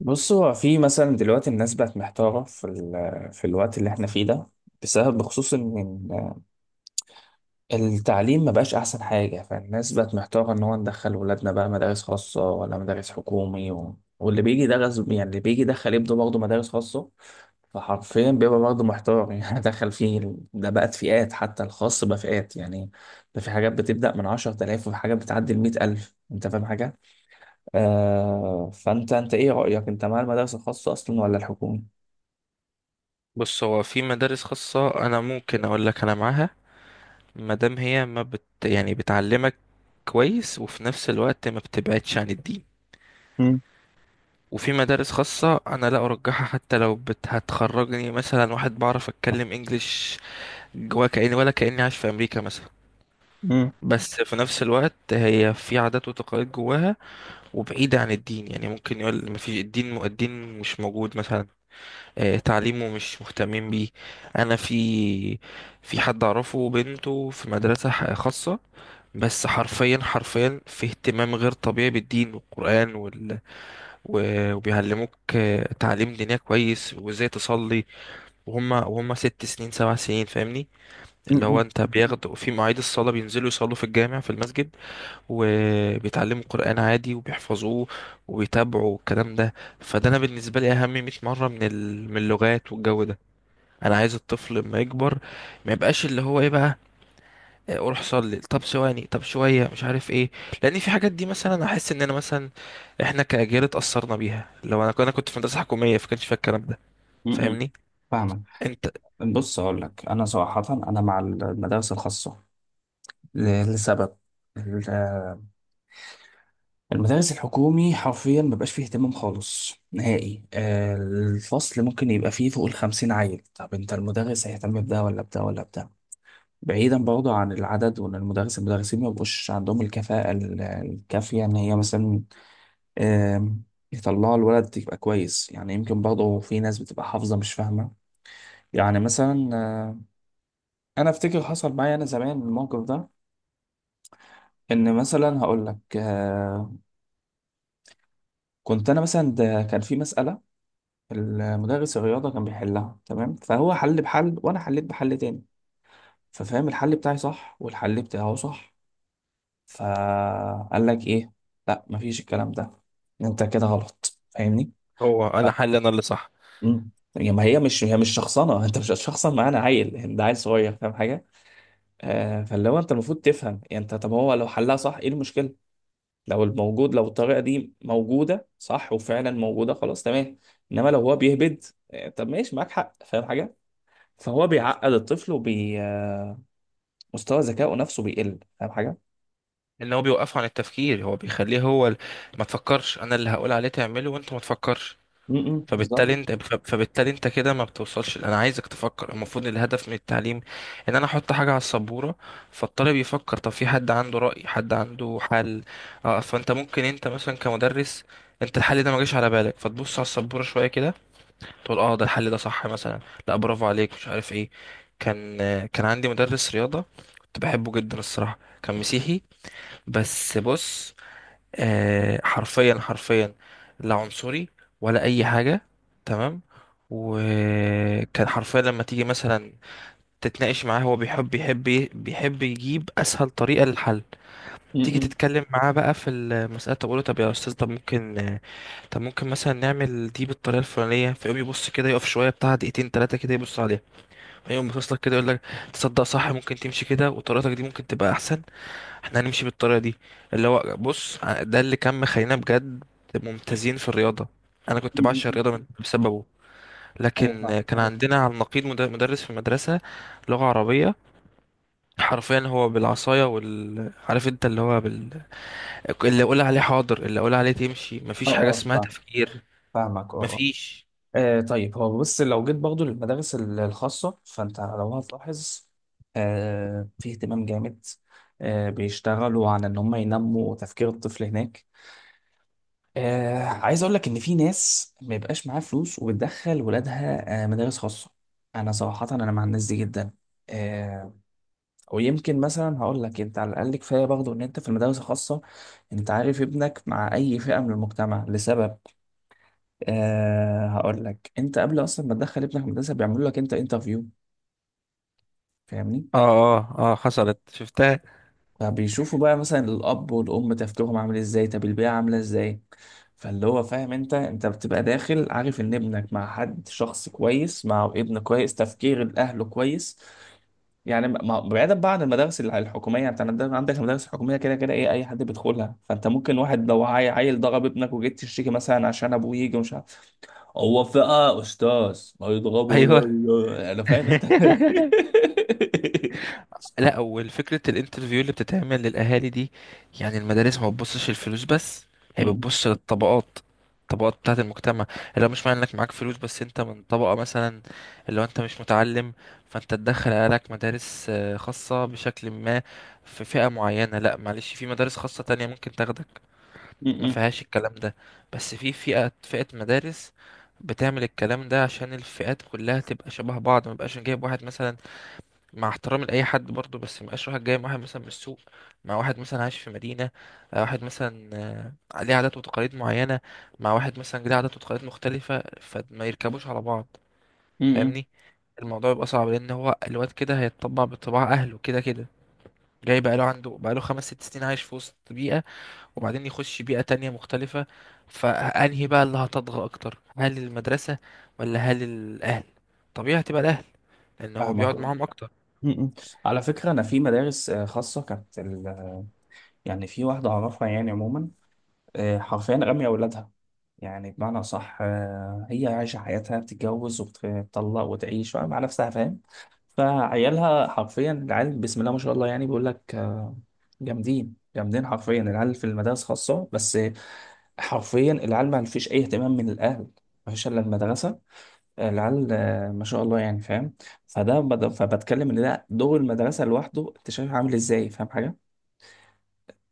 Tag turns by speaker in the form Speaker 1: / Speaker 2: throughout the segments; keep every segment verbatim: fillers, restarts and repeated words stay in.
Speaker 1: بص هو في مثلا دلوقتي الناس بقت محتارة في ال... في الوقت اللي احنا فيه ده بسبب بخصوص ان إن التعليم ما بقاش احسن حاجة، فالناس بقت محتارة ان هو ندخل ولادنا بقى مدارس خاصة ولا مدارس حكومي، و... واللي بيجي ده غصب، يعني اللي بيجي يدخل ابنه برضه مدارس خاصة. فحرفيا بيبقى برضه محتار يعني دخل فيه ال- ده بقت فئات، حتى الخاص بقى فئات يعني. ده في حاجات بتبدأ من عشر آلاف وفي حاجات بتعدي ال مئة ألف، انت فاهم حاجة؟ آه، فانت انت ايه رأيك، انت مع المدارس الخاصة اصلا ولا الحكومي؟
Speaker 2: بص، هو في مدارس خاصة أنا ممكن أقول لك أنا معاها. مادام هي ما بت يعني بتعلمك كويس، وفي نفس الوقت ما بتبعدش عن الدين.
Speaker 1: مم.
Speaker 2: وفي مدارس خاصة أنا لا أرجحها، حتى لو بت هتخرجني مثلا واحد بعرف أتكلم إنجليش جوا، كأني ولا كأني عايش في أمريكا مثلا،
Speaker 1: مم.
Speaker 2: بس في نفس الوقت هي في عادات وتقاليد جواها وبعيدة عن الدين. يعني ممكن يقول ما فيش الدين الدين مش موجود مثلا. آه، تعليمه مش مهتمين بيه. انا في في حد اعرفه بنته في مدرسة ح- خاصة، بس حرفيا حرفيا في اهتمام غير طبيعي بالدين والقرآن وال... و- وبيعلموك، آه، تعليم دينية كويس وازاي تصلي. وهم وهم ست سنين سبع سنين، فاهمني؟ اللي هو
Speaker 1: مم.
Speaker 2: انت بياخدوا في مواعيد الصلاة بينزلوا يصلوا في الجامع في المسجد، وبيتعلموا قرآن عادي وبيحفظوه، وبيتابعوا الكلام ده. فده انا بالنسبة لي اهم 100 مرة من ال... من اللغات والجو ده. انا عايز الطفل لما يكبر ما يبقاش اللي هو ايه بقى، آه، روح صلي، طب ثواني، طب شويه، مش عارف ايه. لان في حاجات دي مثلا احس ان انا مثلا، احنا كاجيال اتاثرنا بيها. لو انا انا كنت في مدرسه حكوميه فكانش فيها الكلام ده،
Speaker 1: مم.
Speaker 2: فاهمني
Speaker 1: فاهمك.
Speaker 2: انت.
Speaker 1: بص اقول لك انا صراحه، انا مع المدارس الخاصه ل- لسبب. ال- المدارس الحكومي حرفيا مبقاش فيه اهتمام خالص نهائي. آه، الفصل ممكن يبقى فيه فوق الخمسين عيل، طب انت المدرس هيهتم بده ولا بده ولا بده؟ بعيدا برضه عن العدد، وان المدرس المدرسين مبقوش عندهم الكفاءه ال- الكافيه ان هي مثلا آم، يطلعوا الولد يبقى كويس. يعني يمكن برضه في ناس بتبقى حافظة مش فاهمة. يعني مثلا آه، أنا أفتكر حصل معايا أنا زمان الموقف ده. إن مثلا هقول لك، آه، كنت أنا مثلا ده كان في مسألة، المدرس الرياضة كان بيحلها تمام، فهو حل بحل وأنا حليت بحل تاني. ففهم الحل بتاعي صح والحل بتاعه صح، فقال لك إيه؟ لا، مفيش الكلام ده، أنت كده غلط. فاهمني؟
Speaker 2: هو انا حل انا اللي صح.
Speaker 1: مم. يعني ما هي مش هي مش شخصنه انت مش هتشخصن معانا عيل يعني، ده عيل صغير فاهم حاجه؟ آه، فاللي هو انت المفروض تفهم يعني. انت طب هو لو حلها صح، ايه المشكله؟ لو الموجود، لو الطريقه دي موجوده صح، وفعلا موجوده، خلاص تمام. انما لو هو بيهبد، آه طب ماشي، معاك حق، فاهم حاجه؟ فهو بيعقد الطفل ومستوى ذكائه نفسه بيقل، فاهم حاجه؟
Speaker 2: ان هو بيوقفه عن التفكير، هو بيخليه، هو ال- ما تفكرش، انا اللي هقول عليه تعمله وانت ما تفكرش.
Speaker 1: امم،
Speaker 2: فبالتالي
Speaker 1: بالظبط.
Speaker 2: انت فب- فبالتالي انت كده ما بتوصلش، انا عايزك تفكر. المفروض الهدف من التعليم ان انا احط حاجه على السبوره فالطالب يفكر. طب في حد عنده راي، حد عنده حل. اه، فانت ممكن انت مثلا كمدرس، انت الحل ده ما جاش على بالك، فتبص على السبوره شويه كده، تقول اه ده الحل ده صح مثلا، لا، برافو عليك، مش عارف ايه. كان آه، كان عندي مدرس رياضه كنت بحبه جدا الصراحه، كان مسيحي، بس بص، آه، حرفيا حرفيا، لا عنصري ولا اي حاجه، تمام. وكان حرفيا لما تيجي مثلا تتناقش معاه، هو بيحب بيحب بيحب يجيب اسهل طريقه للحل. تيجي
Speaker 1: امم.
Speaker 2: تتكلم معاه بقى في المساله، تقول له طب يا استاذ، طب ممكن طب ممكن مثلا نعمل دي بالطريقه الفلانيه، فيقوم يبص كده، يقف شويه بتاع دقيقتين ثلاثه كده يبص عليها، فيقوم باصص لك كده، يقول لك تصدق صح، ممكن تمشي كده وطريقتك دي ممكن تبقى احسن، احنا هنمشي بالطريقه دي. اللي هو بص، ده اللي كان مخلينا بجد ممتازين في الرياضه. انا كنت
Speaker 1: م- م-
Speaker 2: بعشق
Speaker 1: م.
Speaker 2: الرياضه من- بسببه.
Speaker 1: ايوه فاهم.
Speaker 2: لكن كان مم. عندنا على النقيض مد- مدرس في المدرسه لغه عربيه. حرفيا هو بالعصايه وال عارف انت اللي هو بال... اللي اقول عليه حاضر، اللي اقول عليه تمشي،
Speaker 1: اه
Speaker 2: مفيش حاجه
Speaker 1: اه
Speaker 2: اسمها
Speaker 1: فاهم.
Speaker 2: تفكير.
Speaker 1: فاهمك اه.
Speaker 2: مفيش.
Speaker 1: آه طيب، هو بص لو جيت برضه للمدارس ال- الخاصة فأنت لو هتلاحظ، آه، في اهتمام جامد، آه، بيشتغلوا على إن هم ينموا تفكير الطفل هناك. آه عايز أقول لك إن في ناس ما يبقاش معاها فلوس وبتدخل ولادها آه مدارس خاصة، أنا صراحة أنا مع الناس دي جدا. آه، ويمكن مثلا هقول لك، أنت على الأقل كفاية برضه إن أنت في المدارس الخاصة أنت عارف ابنك مع أي فئة من المجتمع. لسبب، أه هقول لك، انت قبل اصلا ما تدخل ابنك مدرسه بيعملوا لك انت انترفيو. فاهمني؟
Speaker 2: اه، اه، اه، حصلت شفتها.
Speaker 1: فبيشوفوا بقى مثلا الاب والام تفكيرهم عامل ازاي، طب البيئه عامله ازاي. فاللي هو فاهم، انت انت بتبقى داخل عارف ان ابنك مع حد شخص كويس، مع ابن كويس، تفكير الاهل كويس. يعني ما- ما- بعيدا بقى عن المدارس الع- الحكوميه يعني. انت عندك عندك المدارس الحكوميه كده كده، ايه اي حد بيدخلها. فانت ممكن واحد لو عي- عيل ضرب ابنك وجيت تشتكي مثلا عشان ابوه يجي، ومش هو فئة أستاذ، ما يضربوا،
Speaker 2: ايوه.
Speaker 1: يا- يا- أنا فاهم أنت
Speaker 2: لا، والفكرة الانترفيو اللي بتتعمل للأهالي دي، يعني المدارس ما بتبصش الفلوس بس، هي
Speaker 1: م-
Speaker 2: بتبص للطبقات، الطبقات بتاعة المجتمع. اللي هو مش معنى انك معاك فلوس بس، انت من طبقة مثلا اللي هو انت مش متعلم، فانت تدخل عيالك مدارس آه، خاصة بشكل ما، في فئة معينة. لا معلش، في مدارس خاصة تانية ممكن تاخدك ما
Speaker 1: م-
Speaker 2: فيهاش الكلام ده. بس في فئة فئة مدارس بتعمل الكلام ده عشان الفئات كلها تبقى شبه بعض، ما بقاش جايب واحد مثلا، مع احترامي لأي حد برضه، بس مبقاش واحد جاي مع واحد مثلا من السوق، مع واحد مثلا عايش في مدينة، آه، واحد مثلا، آه، ليه عادات وتقاليد معينة، مع واحد مثلا ليه عادات وتقاليد مختلفة، فما يركبوش على بعض،
Speaker 1: م- م-
Speaker 2: فاهمني. الموضوع يبقى صعب، لأن هو الواد كده هيتطبع بطباع أهله كده كده، جاي بقاله، عنده بقاله خمس ست سنين عايش في وسط بيئة، وبعدين يخش بيئة تانية مختلفة. فأنهي بقى اللي هتضغى أكتر، هل المدرسة ولا هل الأهل؟ طبيعي هتبقى الأهل، لأن هو
Speaker 1: فاهمك
Speaker 2: بيقعد
Speaker 1: اه.
Speaker 2: معاهم أكتر.
Speaker 1: م- م. على فكرة، أنا في مدارس آه، خاصة كانت ال... يعني في واحدة أعرفها يعني. عموما، آه، حرفيا رامية أولادها. يعني بمعنى صح، آه، هي عايشة حياتها، بتتجوز وبتطلق وتعيش مع نفسها، فاهم؟ فعيالها حرفيا، العيال بسم الله ما شاء الله، يعني بيقول لك آه، جامدين جامدين حرفيا العيال في المدارس خاصة. بس حرفيا العيال ما فيش اي اهتمام من الاهل، ما فيش الا المدرسه. العيال آه، ما شاء الله يعني، فاهم؟ فده بد- فبتكلم ان ده دور المدرسه لوحده، انت شايف عامل ازاي، فاهم حاجه؟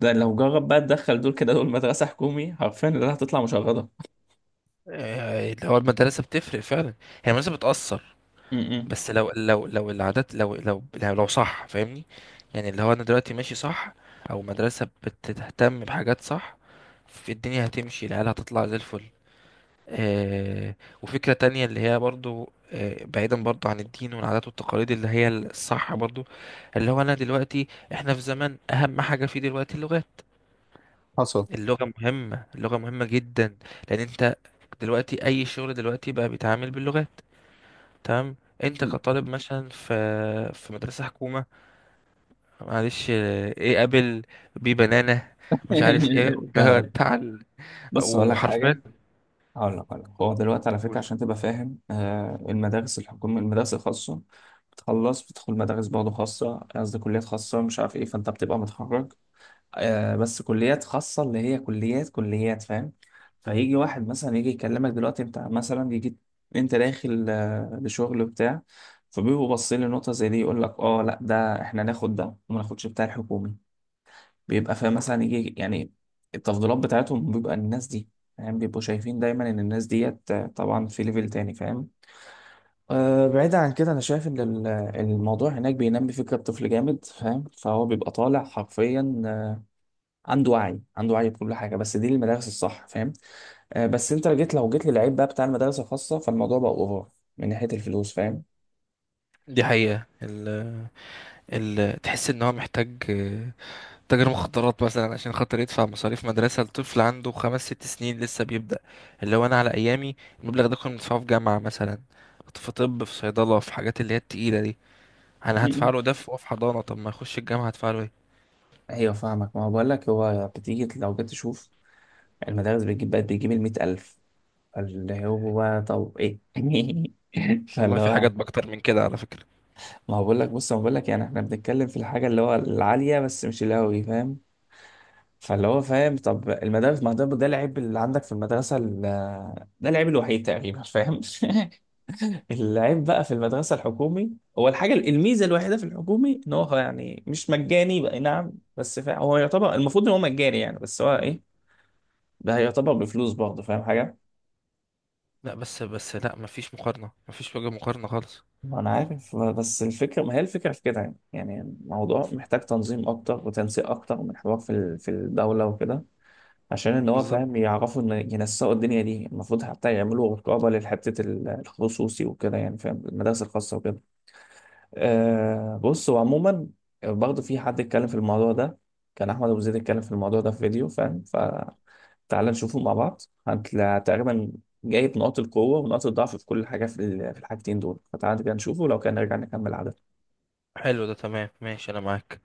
Speaker 1: ده لو جرب بقى تدخل دول كده دول مدرسه حكومي، حرفيا اللي هتطلع مشردة.
Speaker 2: آه، اللي هو المدرسة بتفرق فعلا، هي المدرسة بتأثر،
Speaker 1: م-
Speaker 2: بس لو لو لو العادات لو لو لو, لو صح، فاهمني؟ يعني اللي هو أنا دلوقتي ماشي صح، أو مدرسة بتهتم بحاجات صح في الدنيا، هتمشي العيال هتطلع زي الفل. آه. وفكرة تانية اللي هي برضو، آه، بعيدا برضو عن الدين والعادات والتقاليد اللي هي الصح برضو، اللي هو أنا دلوقتي، إحنا في زمن أهم حاجة فيه دلوقتي اللغات.
Speaker 1: حصل.
Speaker 2: اللغة مهمة اللغة مهمة جدا، لأن أنت دلوقتي أي شغل دلوقتي بقى بيتعامل باللغات، تمام. أنت
Speaker 1: م.
Speaker 2: كطالب مثلا في في مدرسة حكومة، معلش، إيه قابل بيه بنانا، مش عارف إيه،
Speaker 1: فاهمك.
Speaker 2: تعال.
Speaker 1: بص هقول لك
Speaker 2: وحرفيا
Speaker 1: حاجه، هقول لك هقول لك هو دلوقتي على فكره، عشان تبقى فاهم، آه، المدارس الحكوميه المدارس الخاصه بتخلص بتدخل مدارس برضه خاصه، قصدي كليات خاصه مش عارف ايه، فانت بتبقى متخرج آه، بس كليات خاصة، اللي هي كليات كليات فاهم. فيجي واحد مثلا يجي يكلمك دلوقتي، انت مثلا يجي انت داخل آه، لشغل بتاع، فبيبقوا باصين لنقطة زي دي، يقول لك اه لا ده احنا ناخد ده وما ناخدش بتاع الحكومي. بيبقى فاهم مثلا يجي يعني التفضيلات بتاعتهم، بيبقى الناس دي فاهم، بيبقوا شايفين دايما ان الناس ديت آه، طبعا في ليفل تاني، فاهم؟ أه بعيد عن كده، انا شايف ان ال- الموضوع هناك بينمي فكرة الطفل جامد فاهم، فهو بيبقى طالع حرفيا عنده وعي عنده وعي بكل حاجه، بس دي المدارس الصح فاهم. آه بس انت جيت، لو جيت للعيب بقى بتاع المدارس الخاصه، فالموضوع بقى اوفر من ناحيه الفلوس فاهم.
Speaker 2: دي حقيقة، ال... ال... تحس إن هو محتاج تاجر مخدرات مثلا عشان خاطر يدفع مصاريف مدرسة لطفل عنده خمس ست سنين لسه بيبدأ. اللي هو أنا على أيامي، المبلغ ده كنا بندفعه في جامعة مثلا، في طب، في صيدلة، في حاجات اللي هي التقيلة دي. أنا هدفع
Speaker 1: م-
Speaker 2: له ده في هو في حضانة، طب ما يخش الجامعة هدفع له إيه؟
Speaker 1: ايوه فاهمك. ما هو بقول لك، هو بتيجي لو جيت تشوف، المدارس بتجيب بقت بتجيب ال مئة ألف، فاللي هو بقى طب ايه
Speaker 2: والله
Speaker 1: فاللي
Speaker 2: في
Speaker 1: هو،
Speaker 2: حاجات بكتر من كده على فكرة.
Speaker 1: ما هو بقول لك بص، ما بقول لك يعني، احنا بنتكلم في الحاجه اللي هو العاليه بس مش اللي هو فاهم. فاللي هو فاهم، طب المدارس، ما ده ده العيب اللي عندك في المدرسه ال- ده العيب الوحيد تقريبا فاهم العيب بقى في المدرسة الحكومي، هو الحاجة الميزة الوحيدة في الحكومي ان هو يعني مش مجاني بقى، نعم. بس فا هو يعتبر المفروض ان هو مجاني يعني، بس هو ايه، ده يعتبر بفلوس برضه، فاهم حاجة؟
Speaker 2: لا بس بس، لا مفيش مقارنة، مفيش وجه مقارنة خالص.
Speaker 1: ما انا عارف، بس الفكرة، ما هي الفكرة في كده يعني. يعني الموضوع محتاج تنظيم اكتر وتنسيق اكتر من حوار في ال- في الدولة وكده، عشان ان هو فاهم،
Speaker 2: بالظبط.
Speaker 1: يعرفوا ان ينسقوا الدنيا دي، المفروض حتى يعملوا رقابة لحتة ال- الخصوصي وكده يعني، فاهم، المدارس الخاصة وكده. أه بص هو عموما برضه في حد اتكلم في الموضوع ده، كان احمد ابو زيد اتكلم في الموضوع ده في فيديو، فاهم، فتعال نشوفه مع بعض. هتلاقي تقريبا جايب نقاط القوه ونقاط الضعف في كل حاجه في ال- في الحاجتين دول، فتعال كده نشوفه، لو كان نرجع نكمل عدد.
Speaker 2: حلو ده، تمام، ماشي، أنا معاك.